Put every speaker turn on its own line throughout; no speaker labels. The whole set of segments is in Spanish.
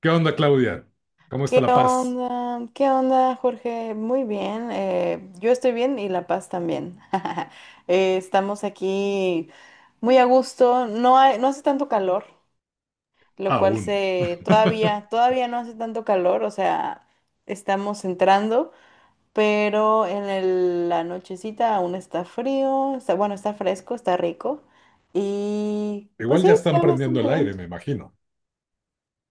¿Qué onda, Claudia? ¿Cómo está
¿Qué
La Paz?
onda? ¿Qué onda, Jorge? Muy bien. Yo estoy bien y La Paz también. Estamos aquí muy a gusto. No hace tanto calor, lo cual
Aún.
se todavía, todavía no hace tanto calor. O sea, estamos entrando, pero la nochecita aún está frío. Está, bueno, está fresco, está rico. Y pues
Igual
sí,
ya están
está
prendiendo el
bastante
aire,
bien.
me imagino.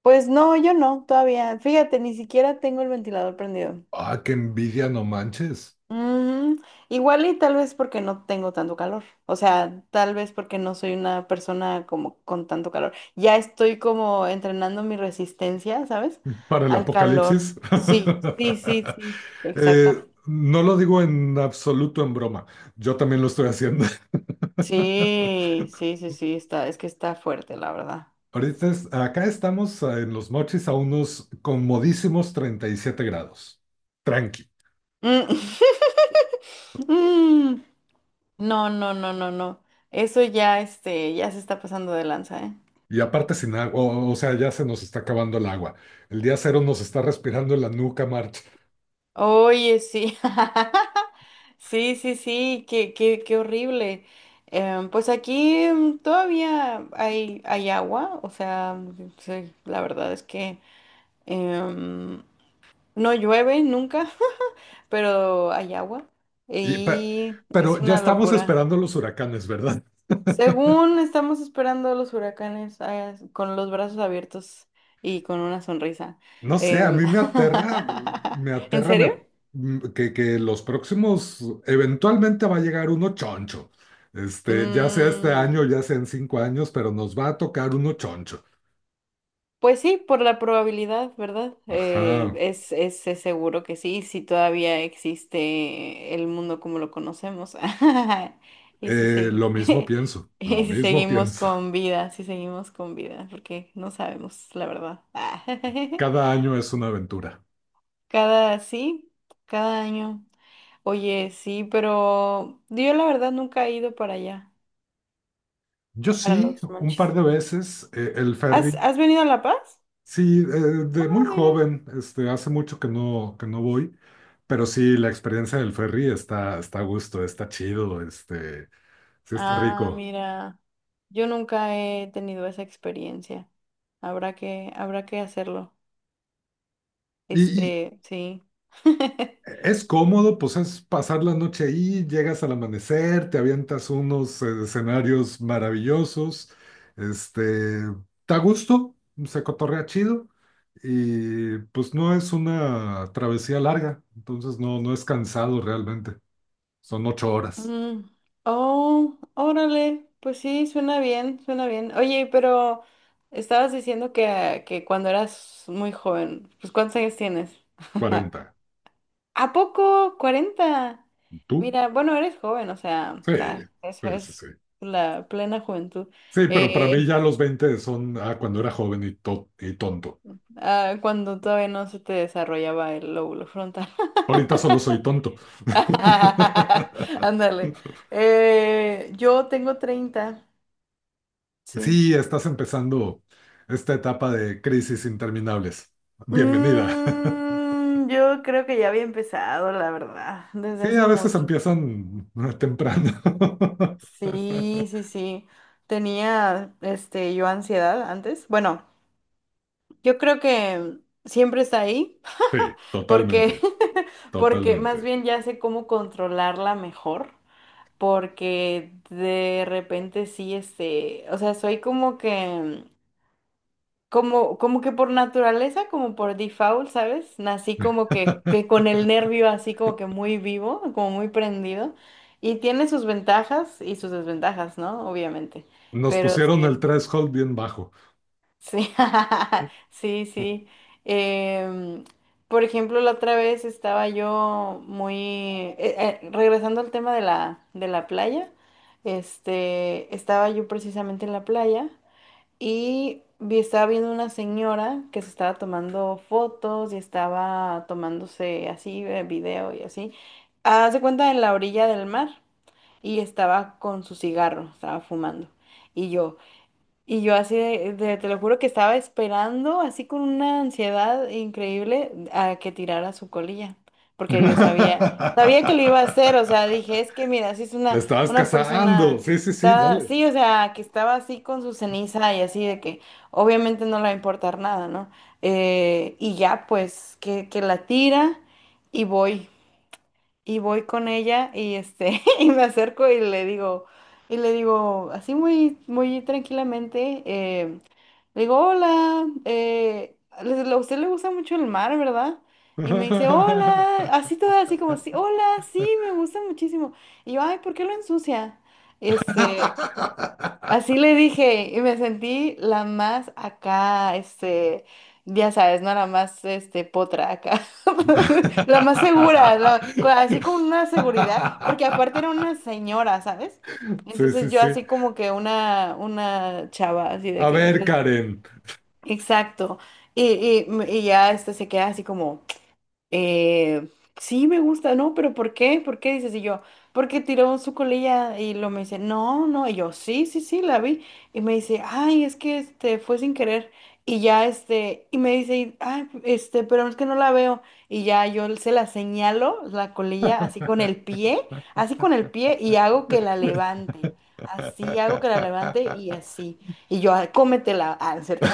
Pues no, yo no, todavía. Fíjate, ni siquiera tengo el ventilador prendido.
Ah, qué envidia, no manches.
Mm, igual y tal vez porque no tengo tanto calor. O sea, tal vez porque no soy una persona como con tanto calor. Ya estoy como entrenando mi resistencia, ¿sabes?
Para el
Al calor.
apocalipsis.
Sí, sí, sí, sí.
Eh,
Exactamente.
no lo digo en absoluto en broma. Yo también lo estoy haciendo.
Sí, sí, sí, sí, es que está fuerte, la verdad.
Ahorita acá estamos en Los Mochis a unos comodísimos 37 grados. Tranqui.
Mm. Mm. No, no, no, no, no. Eso ya, este, ya se está pasando de lanza, ¿eh?
Y aparte sin agua, o sea, ya se nos está acabando el agua. El día cero nos está respirando en la nuca, March.
Oye, sí. Sí, sí, sí, qué horrible. Pues aquí todavía hay agua, o sea, sí, la verdad es que em, no llueve nunca, pero hay agua
Y pe-
y es
pero ya
una
estamos
locura.
esperando los huracanes, ¿verdad?
Según estamos esperando los huracanes con los brazos abiertos y con una sonrisa.
No sé, a
Em,
mí me aterra, me
¿En
aterra me
serio?
at- que los próximos, eventualmente va a llegar uno choncho. Ya sea este año,
Mm.
ya sea en 5 años, pero nos va a tocar uno choncho.
Pues sí, por la probabilidad, ¿verdad? Eh,
Ajá,
es, es, es seguro que sí, si todavía existe el mundo como lo conocemos. Y si segui-
lo mismo pienso,
y
lo
si
mismo
seguimos
pienso.
con vida, si seguimos con vida, porque no sabemos, la verdad.
Cada año es una aventura.
Sí, cada año. Oye, sí, pero yo la verdad nunca he ido para allá,
Yo
para
sí,
los
un par
monchis.
de veces, el
¿Has,
ferry.
has venido a La Paz?
Sí, de
Ah,
muy
mira.
joven, hace mucho que no voy, pero sí, la experiencia del ferry está a gusto, está chido, sí está
Ah,
rico.
mira, yo nunca he tenido esa experiencia. Habrá que hacerlo.
Y, y
Este, sí.
es cómodo, pues es pasar la noche ahí, llegas al amanecer, te avientas unos escenarios maravillosos, este, está a gusto, se cotorrea chido, y pues no es una travesía larga, entonces no es cansado realmente, son 8 horas,
Mm. Oh, órale, pues sí, suena bien, suena bien. Oye, pero estabas diciendo que, cuando eras muy joven, pues ¿cuántos años tienes?
40.
¿A poco? 40.
¿Tú?
Mira, bueno, eres joven, o sea,
Sí,
eso
sí, sí,
es
sí.
la plena juventud.
Sí, pero para mí
Eh,
ya los 20 son cuando era joven y tonto.
Ah, cuando todavía no se te desarrollaba el lóbulo frontal.
Ahorita solo soy tonto.
Ándale. Yo tengo 30, sí.
Sí, estás empezando esta etapa de crisis interminables. Bienvenida.
Yo creo que ya había empezado, la verdad, desde
Sí,
hace
a veces
mucho.
empiezan temprano.
Sí, sí, sí. Tenía, este, yo ansiedad antes. Bueno, yo creo que siempre está ahí,
Sí,
porque,
totalmente,
porque más
totalmente.
bien ya sé cómo controlarla mejor. Porque de repente sí, este, o sea, soy como que, como que por naturaleza, como por default, ¿sabes? Nací como que con el nervio así como que muy vivo, como muy prendido, y tiene sus ventajas y sus desventajas, ¿no? Obviamente,
Nos
pero
pusieron el
sí.
threshold bien bajo.
Sí, sí, sí. Em, por ejemplo, la otra vez estaba yo muy, eh, regresando al tema de la, playa, este, estaba yo precisamente en la playa y estaba viendo una señora que se estaba tomando fotos y estaba tomándose así, video y así. Haz de cuenta en la orilla del mar y estaba con su cigarro, estaba fumando. Y yo, y yo así, te lo juro que estaba esperando, así con una ansiedad increíble, a que tirara su colilla, porque yo sabía que lo iba a hacer, o sea, dije, es que mira, si es
La
una,
estabas
una
cazando.
persona,
Sí, sí, sí,
estaba,
dale.
sí, o sea, que estaba así con su ceniza y así, de que obviamente no le va a importar nada, ¿no? Y ya, pues, que, la tira y voy con ella y este y me acerco y le digo así muy muy tranquilamente le digo hola, a usted le gusta mucho el mar, ¿verdad? Y me dice hola, así toda, así como sí, hola, sí, me gusta muchísimo. Y yo, ay, ¿por qué lo ensucia? Este, así le dije y me sentí la más acá, este, ya sabes, ¿no? La más, este, potra acá, la más segura, así con una seguridad, porque aparte era una señora, ¿sabes?
Sí,
Entonces
sí,
yo
sí.
así como que una chava, así de
A
que,
ver,
de-
Karen.
exacto, y, y ya este se queda así como... Eh, sí, me gusta, ¿no? Pero ¿por qué? ¿Por qué? Dices, y yo, porque tiró su colilla. Y lo me dice, no, no, y yo, sí, sí, sí, la vi. Y me dice, ay, es que este fue sin querer. Y ya este, y me dice, y, ay, este, pero es que no la veo. Y ya yo se la señalo, la colilla, así con el pie, así con el pie, y hago que la levante. Así hago que la levante y así. Y yo, "Ah, cómetela, ah, ¿no es cierto?"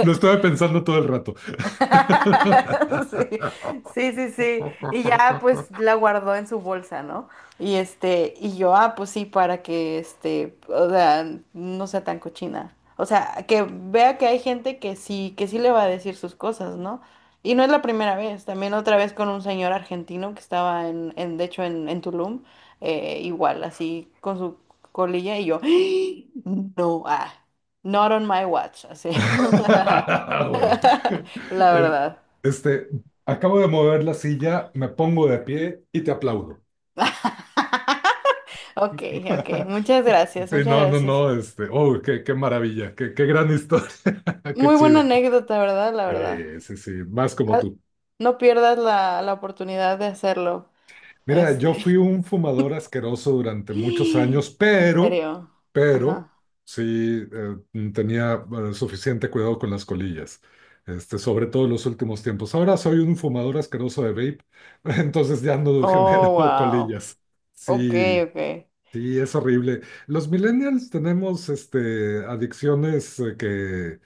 Lo estuve pensando todo el rato.
Sí, sí, sí, sí. Y ya pues la guardó en su bolsa, ¿no? Y este, y yo, ah, pues sí, para que este, o sea, no sea tan cochina. O sea, que vea que hay gente que sí le va a decir sus cosas, ¿no? Y no es la primera vez, también otra vez con un señor argentino que estaba en, de hecho, en Tulum, igual, así, con su colilla, y yo, no, ah, not on my watch, así.
Huevo.
la
Eh,
verdad.
Este, acabo de mover la silla, me pongo de pie y te aplaudo.
Ok, ok. Muchas gracias,
Sí,
muchas
no, no,
gracias.
no, oh, qué maravilla, qué gran historia, qué
Muy buena
chido.
anécdota, ¿verdad? La verdad.
Sí, sí, más como
Ah,
tú.
no pierdas la oportunidad de hacerlo.
Mira, yo fui
Este.
un fumador asqueroso durante muchos años,
En
pero,
serio.
pero,
Ajá.
sí tenía suficiente cuidado con las colillas, sobre todo en los últimos tiempos. Ahora soy un fumador asqueroso de vape, entonces ya no genero
Oh, wow.
colillas.
Ok,
Sí,
ok.
sí, es horrible. Los millennials tenemos adicciones que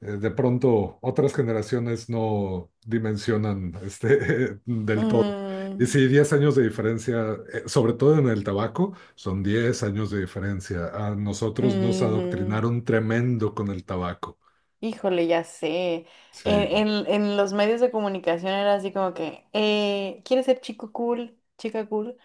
de pronto otras generaciones no dimensionan del todo. Y
Mm.
sí, 10 años de diferencia, sobre todo en el tabaco, son 10 años de diferencia. A nosotros nos
Ujú.
adoctrinaron tremendo con el tabaco.
Híjole, ya sé.
Sí.
En, en los medios de comunicación era así como que, ¿quieres ser chico cool? Chica cool.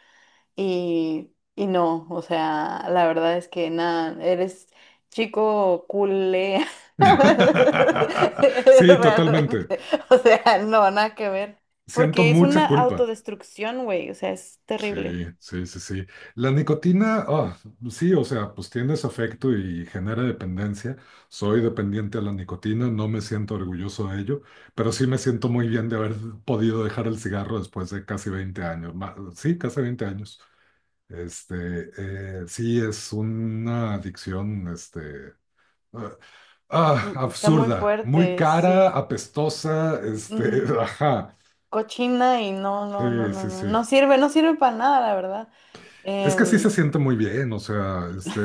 Y no, o sea, la verdad es que nada, eres chico culé.
Sí, totalmente.
Realmente, o sea, no, nada que ver.
Siento
Porque es una
mucha culpa.
autodestrucción, güey, o sea, es terrible.
Sí, sí, sí, sí. La nicotina, sí, o sea, pues tienes afecto y genera dependencia. Soy dependiente a la nicotina, no me siento orgulloso de ello, pero sí me siento muy bien de haber podido dejar el cigarro después de casi 20 años. Sí, casi 20 años. Este, sí, es una adicción, ah,
Mm. Está muy
absurda, muy
fuerte,
cara,
sí.
apestosa,
Mm,
ajá.
cochina y no, no, no,
Sí,
no,
sí,
no,
sí.
no sirve, no sirve para nada, la verdad.
Es que sí se
Em,
siente muy bien, o sea, e-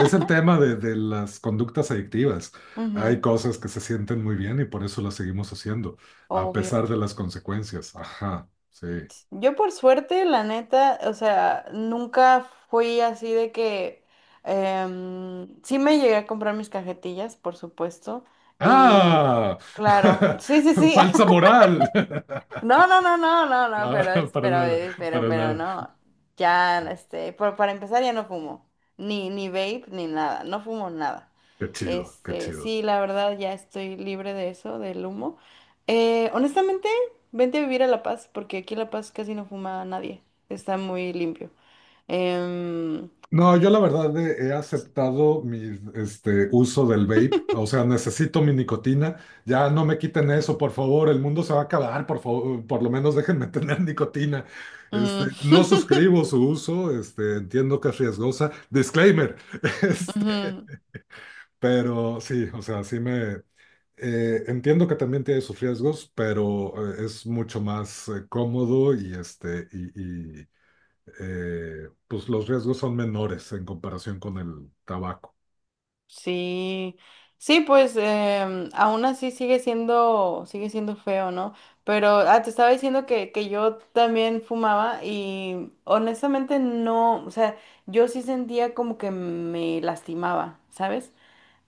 e- es el tema de las conductas adictivas. Hay
ujú,
cosas que se sienten muy bien y por eso las seguimos haciendo, a pesar
obvio.
de las consecuencias. Ajá, sí.
Pues, yo por suerte, la neta, o sea, nunca fui así de que... Sí me llegué a comprar mis cajetillas, por supuesto. Y
¡Ah!
claro, sí, sí, sí.
Falsa moral.
No, no, no, no, no, no,
Ah,
pero,
para
pero,
nada,
pero,
para
pero
nada.
no. Ya, este, para empezar ya no fumo, ni vape, ni nada, no fumo nada.
Qué chido, qué
Este,
chido.
sí, la verdad ya estoy libre de eso, del humo. Honestamente, vente a vivir a La Paz, porque aquí en La Paz casi no fuma nadie, está muy limpio. Em,
No, yo la verdad he aceptado mi uso del vape, o sea, necesito mi nicotina, ya no me quiten eso, por favor, el mundo se va a acabar, por favor, por lo menos déjenme tener nicotina.
mm.
No suscribo su uso, entiendo que es riesgosa, disclaimer, este,
Ujú.
pero sí, o sea, sí me... entiendo que también tiene sus riesgos, pero es mucho más cómodo y pues los riesgos son menores en comparación con el tabaco,
Sí, sí, pues aún así sigue siendo feo, ¿no? Pero te estaba diciendo que, yo también fumaba y honestamente no, o sea, yo sí sentía como que me lastimaba, ¿sabes?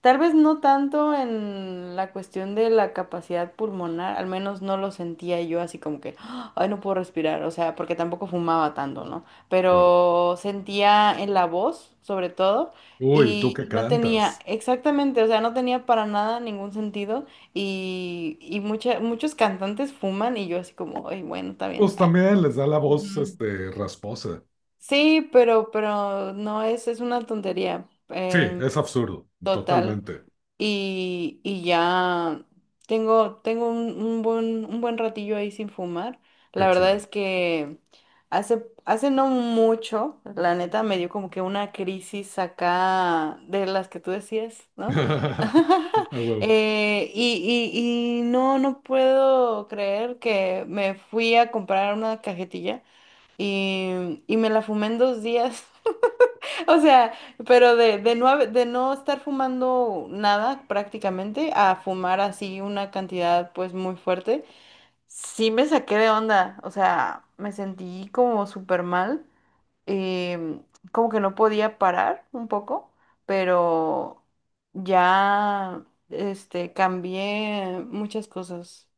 Tal vez no tanto en la cuestión de la capacidad pulmonar, al menos no lo sentía yo así como que, "Ah, ay, no puedo respirar", o sea, porque tampoco fumaba tanto, ¿no?
claro.
Pero sentía en la voz, sobre todo,
Uy, ¿tú
y
qué
no tenía,
cantas?
exactamente, o sea, no tenía para nada ningún sentido y, muchos cantantes fuman y yo así como, ay, bueno, está bien.
Pues también les da la voz,
Ujú.
rasposa.
Sí, pero, no es, es una tontería.
Sí,
em,
es absurdo, totalmente.
y, ya tengo un buen ratillo ahí sin fumar. La
Qué
verdad
chido.
es que hace no mucho, la neta, me dio como que una crisis acá de las que tú decías, ¿no?
A huevo.
Y, y no no puedo creer que me fui a comprar una cajetilla y, me la fumé en 2 días. O sea, pero de no estar fumando nada prácticamente a fumar así una cantidad pues muy fuerte, sí me saqué de onda, o sea, me sentí como súper mal, eh, como que no podía parar un poco, pero ya este, cambié muchas cosas,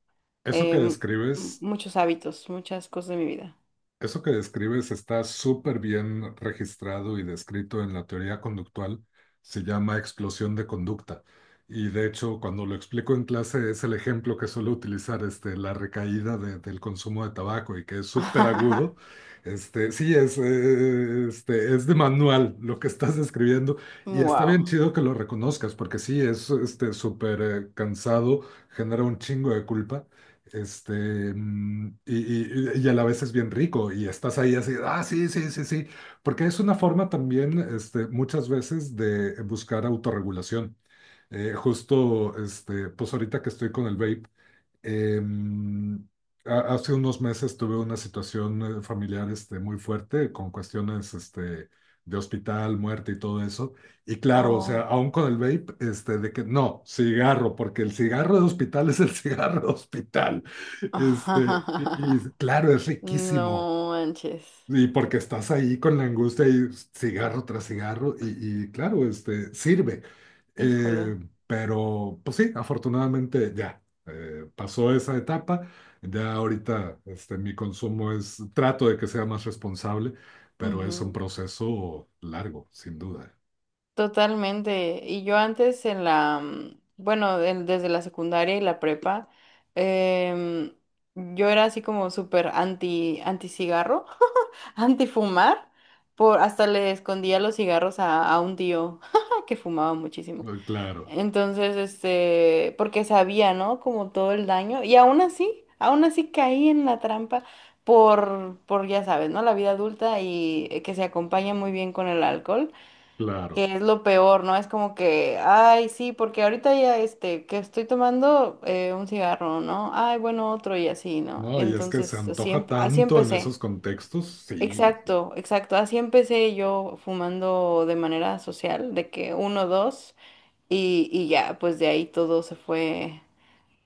Eso
eh,
que
m-
describes
muchos hábitos, muchas cosas de mi vida.
Eso que describes está súper bien registrado y descrito en la teoría conductual, se llama explosión de conducta. Y de hecho, cuando lo explico en clase, es el ejemplo que suelo utilizar, la recaída del consumo de tabaco y que es súper agudo. Sí, es de manual lo que estás describiendo y está
Wow.
bien chido que lo reconozcas porque sí, es súper cansado, genera un chingo de culpa. Este, mm, y, y a la vez es bien rico y estás ahí así, sí, sí, sí, sí, porque es una forma también, muchas veces de buscar autorregulación. Justo, pues ahorita que estoy con el vape. Em, hace unos meses tuve una situación familiar muy fuerte con cuestiones de hospital, muerte y todo eso. Y claro, o sea,
Oh.
aún con el vape, de que no, cigarro, porque el cigarro de hospital es el cigarro de hospital. Y claro, es riquísimo.
No manches,
Y porque estás ahí con la angustia y cigarro tras cigarro, y claro, sirve.
híjole.
Eh, pero, pues sí, afortunadamente ya pasó esa etapa. Ya ahorita mi consumo es, trato de que sea más responsable, pero es un
Ujú.
proceso largo, sin duda.
Totalmente. Y yo antes bueno, desde la secundaria y la prepa, em, yo era así como súper anti cigarro, anti fumar, hasta le escondía los cigarros a, un tío que fumaba muchísimo.
Claro,
Entonces, este, porque sabía, ¿no? Como todo el daño. Y aún así caí en la trampa, ya sabes, ¿no? La vida adulta y que se acompaña muy bien con el alcohol, que
claro.
es lo peor, ¿no? Es como que, ay, sí, porque ahorita ya, este, que estoy tomando un cigarro, ¿no? Ay, bueno, otro y así, ¿no?
No, y es que se
Entonces, así,
antoja
así
tanto en
empecé.
esos contextos, sí, sí.
Exacto, exacto. Así empecé yo fumando de manera social, de que uno, dos. Y ya, pues de ahí todo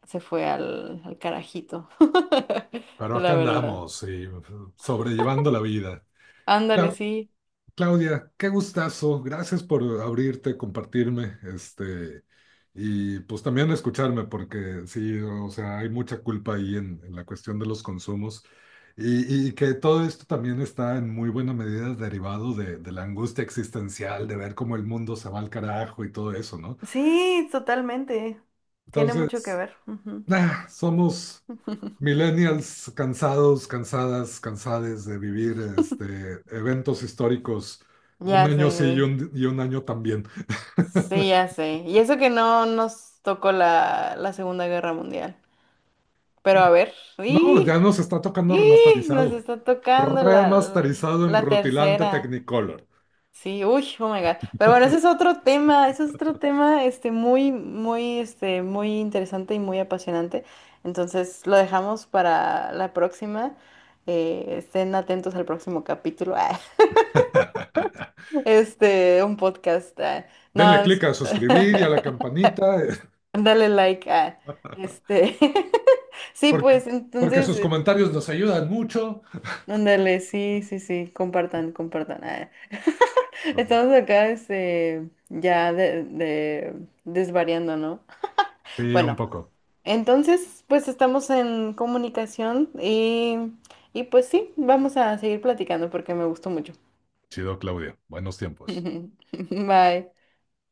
se fue al carajito,
Pero
la
acá
verdad.
andamos, sí, sobrellevando la vida.
Ándale,
La-
sí.
Claudia, qué gustazo. Gracias por abrirte, compartirme, y pues también escucharme, porque sí, o sea, hay mucha culpa ahí en, la cuestión de los consumos. Y que todo esto también está en muy buena medida derivado de la angustia existencial, de ver cómo el mundo se va al carajo y todo eso, ¿no?
Sí, totalmente. Tiene mucho que
Entonces,
ver. Ujú.
Somos millennials cansados, cansadas, cansades de vivir eventos históricos un
Ya
año
sé,
sí y un año también.
sí, ya sé. Y eso que no nos tocó la Segunda Guerra Mundial. Pero a ver,
No, ya
¡y!
nos está tocando
¡Y! Nos
remasterizado.
está tocando la,
Remasterizado en
la
rutilante
tercera.
Technicolor.
Sí, uy, oh my God. Pero bueno, ese es otro tema, ese es otro tema, este, muy, muy, este, muy interesante y muy apasionante. Entonces, lo dejamos para la próxima. Estén atentos al próximo capítulo. Ah, este, un podcast. Ah,
Denle
No, es-
clic a suscribir y a la campanita,
dale like. Este, sí,
porque,
pues,
porque
entonces,
sus comentarios nos ayudan mucho.
ándale, sí, sí, sí, compartan, compartan. Ah.
No.
Estamos acá este, ya desvariando, ¿no?
Sí, un
Bueno,
poco.
entonces pues estamos en comunicación y, pues sí, vamos a seguir platicando porque me gustó mucho.
Chido, Claudia. Buenos tiempos.
Bye.